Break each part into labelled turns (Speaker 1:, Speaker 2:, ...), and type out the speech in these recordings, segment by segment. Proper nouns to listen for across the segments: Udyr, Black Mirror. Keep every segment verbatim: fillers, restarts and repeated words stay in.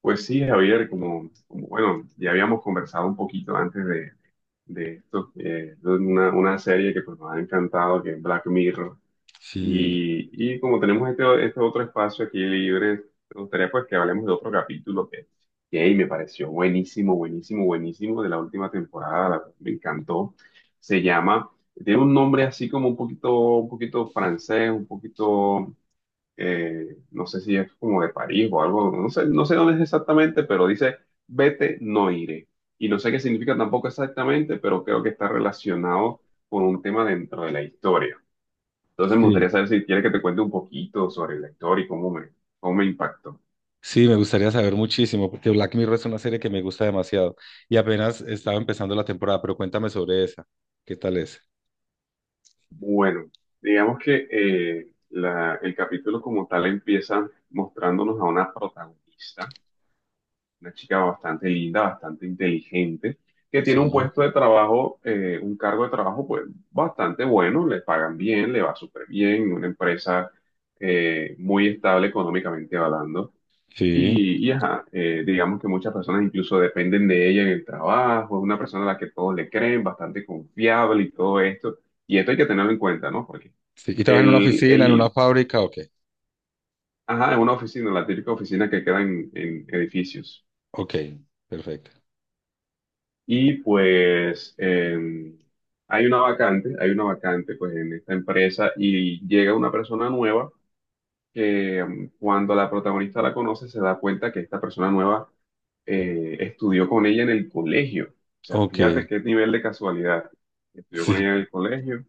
Speaker 1: Pues sí, Javier, como, como, bueno, ya habíamos conversado un poquito antes de, de esto, eh, de una, una serie que pues nos ha encantado, que es Black Mirror,
Speaker 2: Sí,
Speaker 1: y, y como tenemos este, este otro espacio aquí libre, me gustaría pues que hablemos de otro capítulo que, que hey, me pareció buenísimo, buenísimo, buenísimo de la última temporada. La- me encantó. Se llama, tiene un nombre así como un poquito, un poquito francés, un poquito, eh, no sé si es como de París o algo, no sé, no sé dónde es exactamente, pero dice, vete, no iré. Y no sé qué significa tampoco exactamente, pero creo que está relacionado con un tema dentro de la historia. Entonces me gustaría
Speaker 2: sí,
Speaker 1: saber si quieres que te cuente un poquito sobre la historia y cómo me, cómo me impactó.
Speaker 2: sí, me gustaría saber muchísimo, porque Black Mirror es una serie que me gusta demasiado y apenas estaba empezando la temporada, pero cuéntame sobre esa, ¿qué tal es?
Speaker 1: Bueno, digamos que eh, la- el capítulo como tal empieza mostrándonos a una protagonista, una chica bastante linda, bastante inteligente, que tiene un
Speaker 2: Sí,
Speaker 1: puesto de trabajo, eh, un cargo de trabajo pues bastante bueno. Le pagan bien, le va súper bien, una empresa eh, muy estable económicamente hablando.
Speaker 2: sí,
Speaker 1: Y, y ajá, eh, digamos que muchas personas incluso dependen de ella en el trabajo. Es una persona a la que todos le creen, bastante confiable y todo esto. Y esto hay que tenerlo en cuenta, ¿no? Porque
Speaker 2: sí. ¿Y trabajas en una
Speaker 1: el,
Speaker 2: oficina, en una
Speaker 1: el,
Speaker 2: fábrica? Ok,
Speaker 1: ajá, es una oficina, la típica oficina que queda en en edificios.
Speaker 2: ok, perfecto.
Speaker 1: Y pues em, hay una vacante, hay una vacante pues en esta empresa, y llega una persona nueva que em, cuando la protagonista la conoce, se da cuenta que esta persona nueva, eh, estudió con ella en el colegio. O sea,
Speaker 2: Ok,
Speaker 1: fíjate qué nivel de casualidad. Estudió con ella
Speaker 2: sí,
Speaker 1: en el colegio,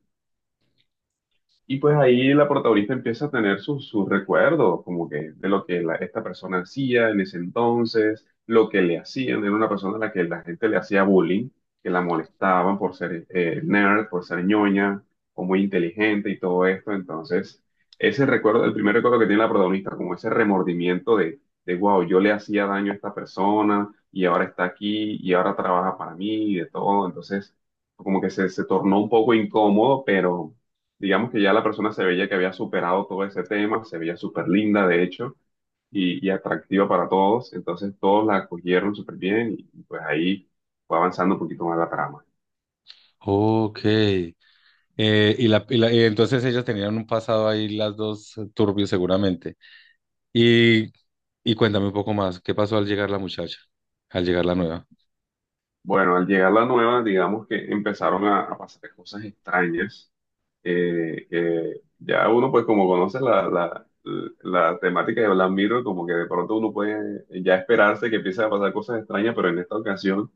Speaker 1: y pues ahí la protagonista empieza a tener sus, sus recuerdos, como que de lo que la- esta persona hacía en ese entonces, lo que le hacían. Era una persona a la que la gente le hacía bullying, que la molestaban por ser eh, nerd, por ser ñoña o muy inteligente y todo esto. Entonces, ese recuerdo, el primer recuerdo que tiene la protagonista, como ese remordimiento de, de wow, yo le hacía daño a esta persona y ahora está aquí y ahora trabaja para mí y de todo. Entonces, como que se, se tornó un poco incómodo, pero digamos que ya la persona se veía que había superado todo ese tema. Se veía súper linda, de hecho, y, y atractiva para todos. Entonces todos la acogieron súper bien, y y, pues ahí fue avanzando un poquito más la trama.
Speaker 2: ok. Eh, y la, y la- y entonces ellas tenían un pasado ahí, las dos turbio seguramente. Y, y cuéntame un poco más, ¿qué pasó al llegar la muchacha, al llegar la nueva?
Speaker 1: Bueno, al llegar la nueva, digamos que empezaron a, a pasar cosas extrañas, eh, que ya uno pues como conoce la, la, la temática de Black Mirror, como que de pronto uno puede ya esperarse que empiece a pasar cosas extrañas, pero en esta ocasión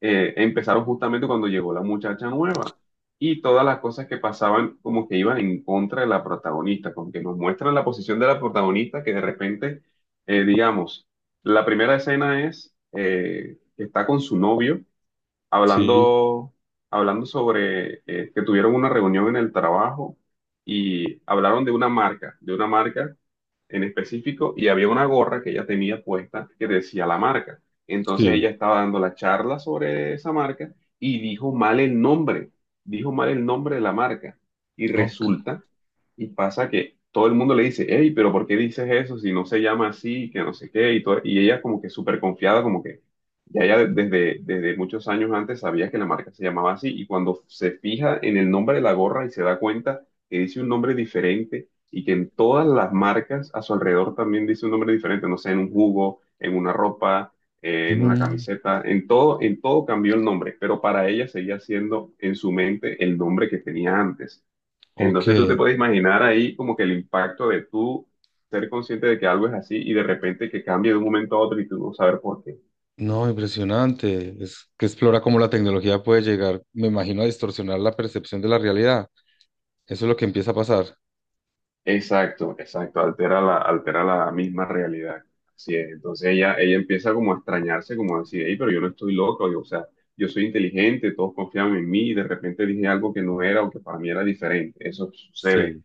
Speaker 1: eh, empezaron justamente cuando llegó la muchacha nueva. Y todas las cosas que pasaban como que iban en contra de la protagonista, como que nos muestran la posición de la protagonista, que de repente, eh, digamos, la primera escena es, eh, que está con su novio
Speaker 2: Sí,
Speaker 1: hablando, hablando, sobre, eh, que tuvieron una reunión en el trabajo y hablaron de una marca, de una marca en específico, y había una gorra que ella tenía puesta que decía la marca. Entonces
Speaker 2: sí,
Speaker 1: ella estaba dando la charla sobre esa marca, y dijo mal el nombre, dijo mal el nombre de la marca. Y
Speaker 2: ok.
Speaker 1: resulta y pasa que todo el mundo le dice, hey, pero ¿por qué dices eso si no se llama así, que no sé qué? Y, todo- y ella como que súper confiada, como que ya ella desde, desde muchos años antes sabía que la marca se llamaba así. Y cuando se fija en el nombre de la gorra, y se da cuenta que dice un nombre diferente, y que en todas las marcas a su alrededor también dice un nombre diferente, no sé, en un jugo, en una ropa, eh, en una
Speaker 2: Mm.
Speaker 1: camiseta, en todo, en todo cambió el nombre, pero para ella seguía siendo en su mente el nombre que tenía antes.
Speaker 2: Ok,
Speaker 1: Entonces tú te puedes imaginar ahí como que el impacto de tú ser consciente de que algo es así, y de repente que cambie de un momento a otro y tú no saber por qué.
Speaker 2: no, impresionante. Es que explora cómo la tecnología puede llegar, me imagino, a distorsionar la percepción de la realidad. Eso es lo que empieza a pasar.
Speaker 1: Exacto, exacto, altera la, altera la misma realidad. Así es. Entonces ella, ella empieza como a extrañarse, como a decir, "Ey, pero yo no estoy loco, yo, o sea, yo soy inteligente, todos confiaban en mí, y de repente dije algo que no era, o que para mí era diferente. Eso sucede".
Speaker 2: Sí,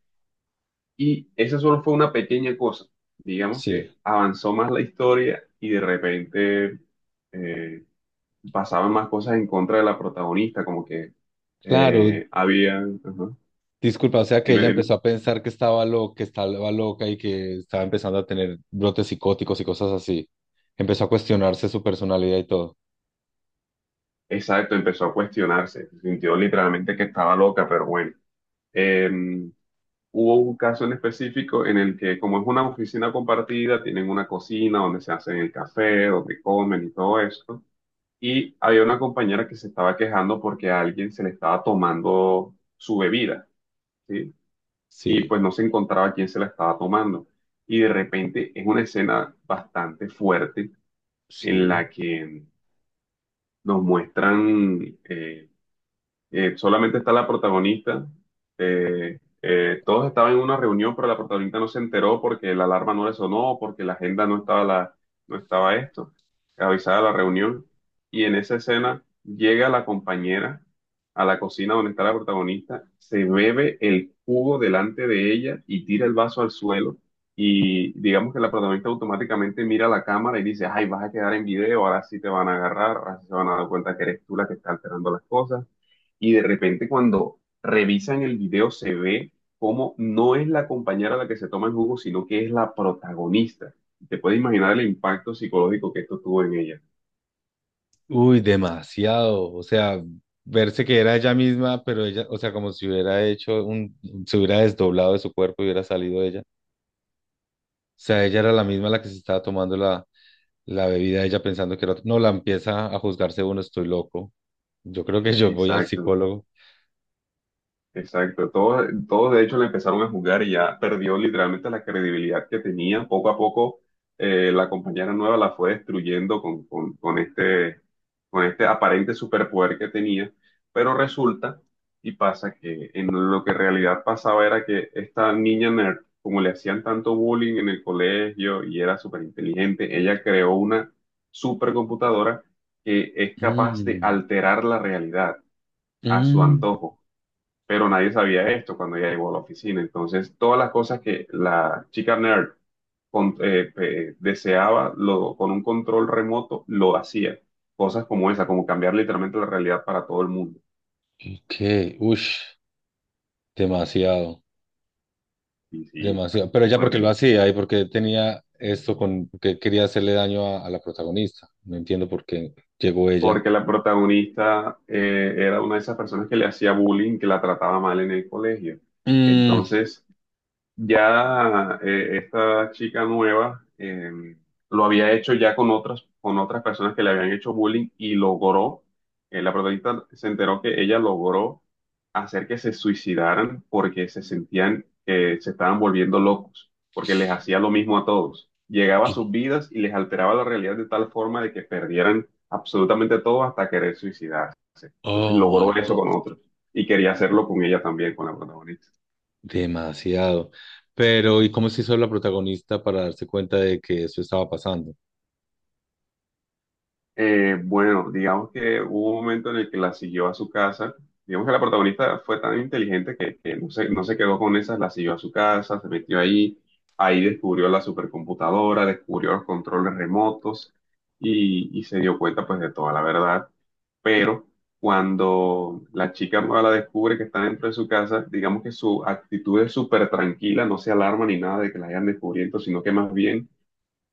Speaker 1: Y esa solo fue una pequeña cosa. Digamos
Speaker 2: sí.
Speaker 1: que avanzó más la historia, y de repente, eh, pasaban más cosas en contra de la protagonista, como que
Speaker 2: Claro,
Speaker 1: eh, había... ajá.
Speaker 2: disculpa, o sea que
Speaker 1: Dime,
Speaker 2: ella
Speaker 1: dime.
Speaker 2: empezó a pensar que estaba loca, que estaba loca y que estaba empezando a tener brotes psicóticos y cosas así. Empezó a cuestionarse su personalidad y todo.
Speaker 1: Exacto, empezó a cuestionarse, sintió literalmente que estaba loca, pero bueno. Eh, Hubo un caso en específico en el que, como es una oficina compartida, tienen una cocina donde se hacen el café, donde comen y todo esto. Y había una compañera que se estaba quejando porque a alguien se le estaba tomando su bebida, ¿sí? Y
Speaker 2: Sí,
Speaker 1: pues no se encontraba quién se la estaba tomando. Y de repente es una escena bastante fuerte en
Speaker 2: sí.
Speaker 1: la que nos muestran, eh, Eh, solamente está la protagonista. Eh, eh, todos estaban en una reunión, pero la protagonista no se enteró porque la alarma no le sonó, porque la agenda no estaba, la, no estaba esto, avisada la reunión. Y en esa escena llega la compañera a la cocina donde está la protagonista, se bebe el jugo delante de ella y tira el vaso al suelo. Y digamos que la protagonista automáticamente mira a la cámara y dice, ay, vas a quedar en video, ahora sí te van a agarrar, ahora sí se van a dar cuenta que eres tú la que está alterando las cosas. Y de repente, cuando revisan el video, se ve cómo no es la compañera la que se toma el jugo, sino que es la protagonista. Te puedes imaginar el impacto psicológico que esto tuvo en ella.
Speaker 2: Uy, demasiado. O sea, verse que era ella misma, pero ella, o sea, como si hubiera hecho un, se hubiera desdoblado de su cuerpo y hubiera salido ella. Sea, ella era la misma la que se estaba tomando la, la bebida, ella pensando que era otra. No, la empieza a juzgarse uno, estoy loco. Yo creo que yo voy al
Speaker 1: Exacto.
Speaker 2: psicólogo.
Speaker 1: Exacto, todos, todos, de hecho le empezaron a jugar, y ya perdió literalmente la credibilidad que tenía. Poco a poco, eh, la compañera nueva la fue destruyendo con, con, con este, con este aparente superpoder que tenía. Pero resulta y pasa que en lo que en realidad pasaba era que esta niña nerd, como le hacían tanto bullying en el colegio y era súper inteligente, ella creó una supercomputadora que es capaz de
Speaker 2: Mm,
Speaker 1: alterar la realidad a su
Speaker 2: mm,
Speaker 1: antojo, pero nadie sabía esto cuando ella llegó a la oficina. Entonces, todas las cosas que la chica nerd con- eh, pe- deseaba, lo, con un control remoto, lo hacía. Cosas como esa, como cambiar literalmente la realidad para todo el mundo.
Speaker 2: ok, ush, demasiado,
Speaker 1: Y sí, está
Speaker 2: demasiado. Pero ella porque
Speaker 1: fuerte,
Speaker 2: lo
Speaker 1: ¿no?
Speaker 2: hacía y porque tenía esto con que quería hacerle daño a, a la protagonista. No entiendo por qué llegó ella.
Speaker 1: Porque la protagonista, eh, era una de esas personas que le hacía bullying, que la trataba mal en el colegio.
Speaker 2: Mm,
Speaker 1: Entonces, ya, eh, esta chica nueva, eh, lo había hecho ya con otras, con otras personas que le habían hecho bullying, y logró, eh, la protagonista se enteró que ella logró hacer que se suicidaran, porque se sentían que se estaban volviendo locos, porque les hacía lo mismo a todos. Llegaba a sus vidas y les alteraba la realidad de tal forma de que perdieran absolutamente todo hasta querer suicidarse. Entonces
Speaker 2: oh my,
Speaker 1: logró eso con otros, y quería hacerlo con ella también, con la protagonista.
Speaker 2: demasiado. Pero, ¿y cómo se hizo la protagonista para darse cuenta de que eso estaba pasando?
Speaker 1: Eh, bueno, digamos que hubo un momento en el que la siguió a su casa. Digamos que la protagonista fue tan inteligente que, que no se, no se quedó con esas, la siguió a su casa, se metió ahí, ahí descubrió la supercomputadora, descubrió los controles remotos, y, y se dio cuenta pues de toda la verdad. Pero cuando la chica nueva la descubre que está dentro de su casa, digamos que su actitud es súper tranquila, no se alarma ni nada de que la hayan descubierto, sino que más bien,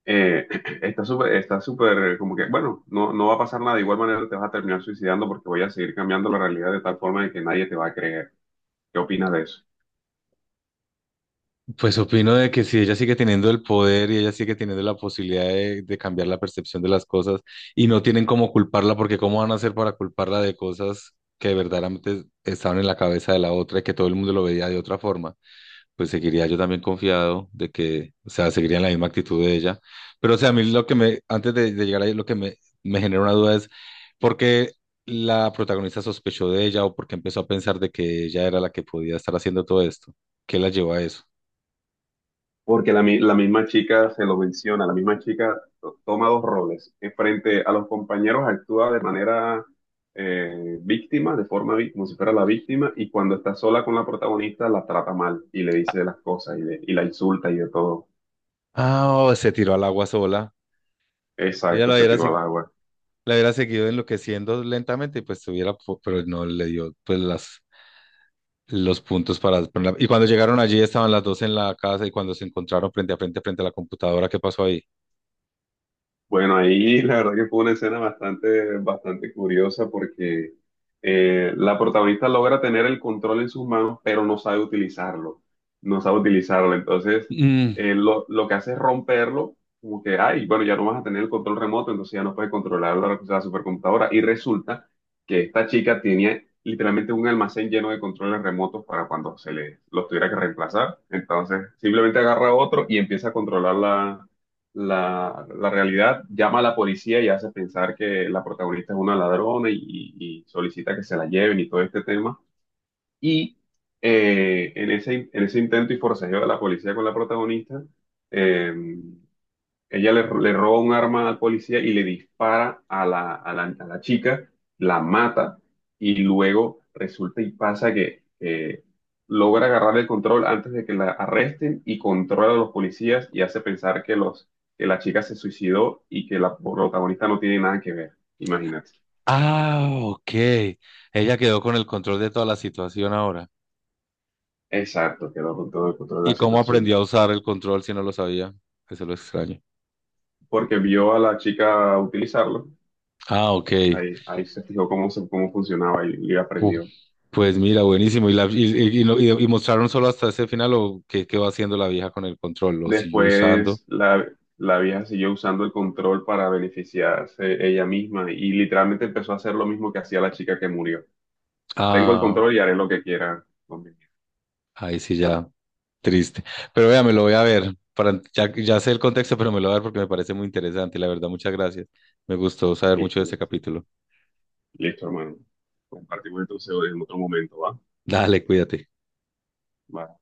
Speaker 1: eh, está súper, está súper, como que, bueno, no, no va a pasar nada. De igual manera te vas a terminar suicidando, porque voy a seguir cambiando la realidad de tal forma de que nadie te va a creer. ¿Qué opinas de eso?
Speaker 2: Pues opino de que si ella sigue teniendo el poder y ella sigue teniendo la posibilidad de, de cambiar la percepción de las cosas y no tienen cómo culparla, porque cómo van a hacer para culparla de cosas que verdaderamente estaban en la cabeza de la otra y que todo el mundo lo veía de otra forma, pues seguiría yo también confiado de que, o sea, seguiría en la misma actitud de ella. Pero, o sea, a mí lo que me, antes de, de llegar ahí, lo que me, me genera una duda es, ¿por qué la protagonista sospechó de ella o por qué empezó a pensar de que ella era la que podía estar haciendo todo esto? ¿Qué la llevó a eso?
Speaker 1: Porque la, mi- la misma chica se lo menciona, la misma chica to- toma dos roles. Eh, Frente a los compañeros actúa de manera, eh, víctima, de forma, vi- como si fuera la víctima. Y cuando está sola con la protagonista, la trata mal y le dice las cosas, y, le- y la insulta y de todo.
Speaker 2: Ah, oh, se tiró al agua sola. Ella
Speaker 1: Exacto,
Speaker 2: la
Speaker 1: se
Speaker 2: hubiera,
Speaker 1: tiró
Speaker 2: segui-
Speaker 1: al agua.
Speaker 2: la hubiera seguido enloqueciendo lentamente y pues tuviera, po- pero no le dio pues las, los puntos para ponerla- Y cuando llegaron allí estaban las dos en la casa y cuando se encontraron frente a frente, frente a la computadora, ¿qué pasó ahí?
Speaker 1: Bueno, ahí la verdad que fue una escena bastante, bastante curiosa porque, eh, la protagonista logra tener el control en sus manos, pero no sabe utilizarlo, no sabe utilizarlo. Entonces,
Speaker 2: Mm,
Speaker 1: eh, lo, lo que hace es romperlo, como que, ay, bueno, ya no vas a tener el control remoto, entonces ya no puedes controlar la, la supercomputadora. Y resulta que esta chica tenía literalmente un almacén lleno de controles remotos para cuando se le los tuviera que reemplazar. Entonces, simplemente agarra otro y empieza a controlarla, la, la realidad, llama a la policía y hace pensar que la protagonista es una ladrona, y, y- y solicita que se la lleven y todo este tema. Y, eh, en ese, en ese, intento y forcejeo de la policía con la protagonista, eh, ella le, le roba un arma al policía y le dispara a la, a la, a la chica, la mata. Y luego resulta y pasa que, eh, logra agarrar el control antes de que la arresten, y controla a los policías y hace pensar que, los, que la chica se suicidó y que la protagonista no tiene nada que ver. Imagínate.
Speaker 2: ah, ok. Ella quedó con el control de toda la situación ahora.
Speaker 1: Exacto, quedó con todo el control de
Speaker 2: ¿Y
Speaker 1: la
Speaker 2: cómo
Speaker 1: situación.
Speaker 2: aprendió a usar el control si no lo sabía? Eso es lo extraño.
Speaker 1: Porque vio a la chica utilizarlo,
Speaker 2: Ah, ok.
Speaker 1: ahí, ahí, se fijó cómo, se- cómo funcionaba, y, y aprendió.
Speaker 2: Pues mira, buenísimo. ¿Y, la, y, y- y lo- y- y mostraron solo hasta ese final o qué, qué va haciendo la vieja con el control? ¿Lo sigue usando?
Speaker 1: Después la, la vieja siguió usando el control para beneficiarse ella misma, y literalmente empezó a hacer lo mismo que hacía la chica que murió. Tengo el
Speaker 2: Ah,
Speaker 1: control y haré lo que quiera con mi vida.
Speaker 2: ahí sí ya, triste. Pero vea, me lo voy a ver. Para, ya, ya sé el contexto, pero me lo voy a ver porque me parece muy interesante. La verdad, muchas gracias. Me gustó saber mucho de
Speaker 1: Listo,
Speaker 2: este
Speaker 1: listo.
Speaker 2: capítulo.
Speaker 1: Listo, hermano. Compartimos entonces en otro momento, ¿va?
Speaker 2: Dale, cuídate.
Speaker 1: Va.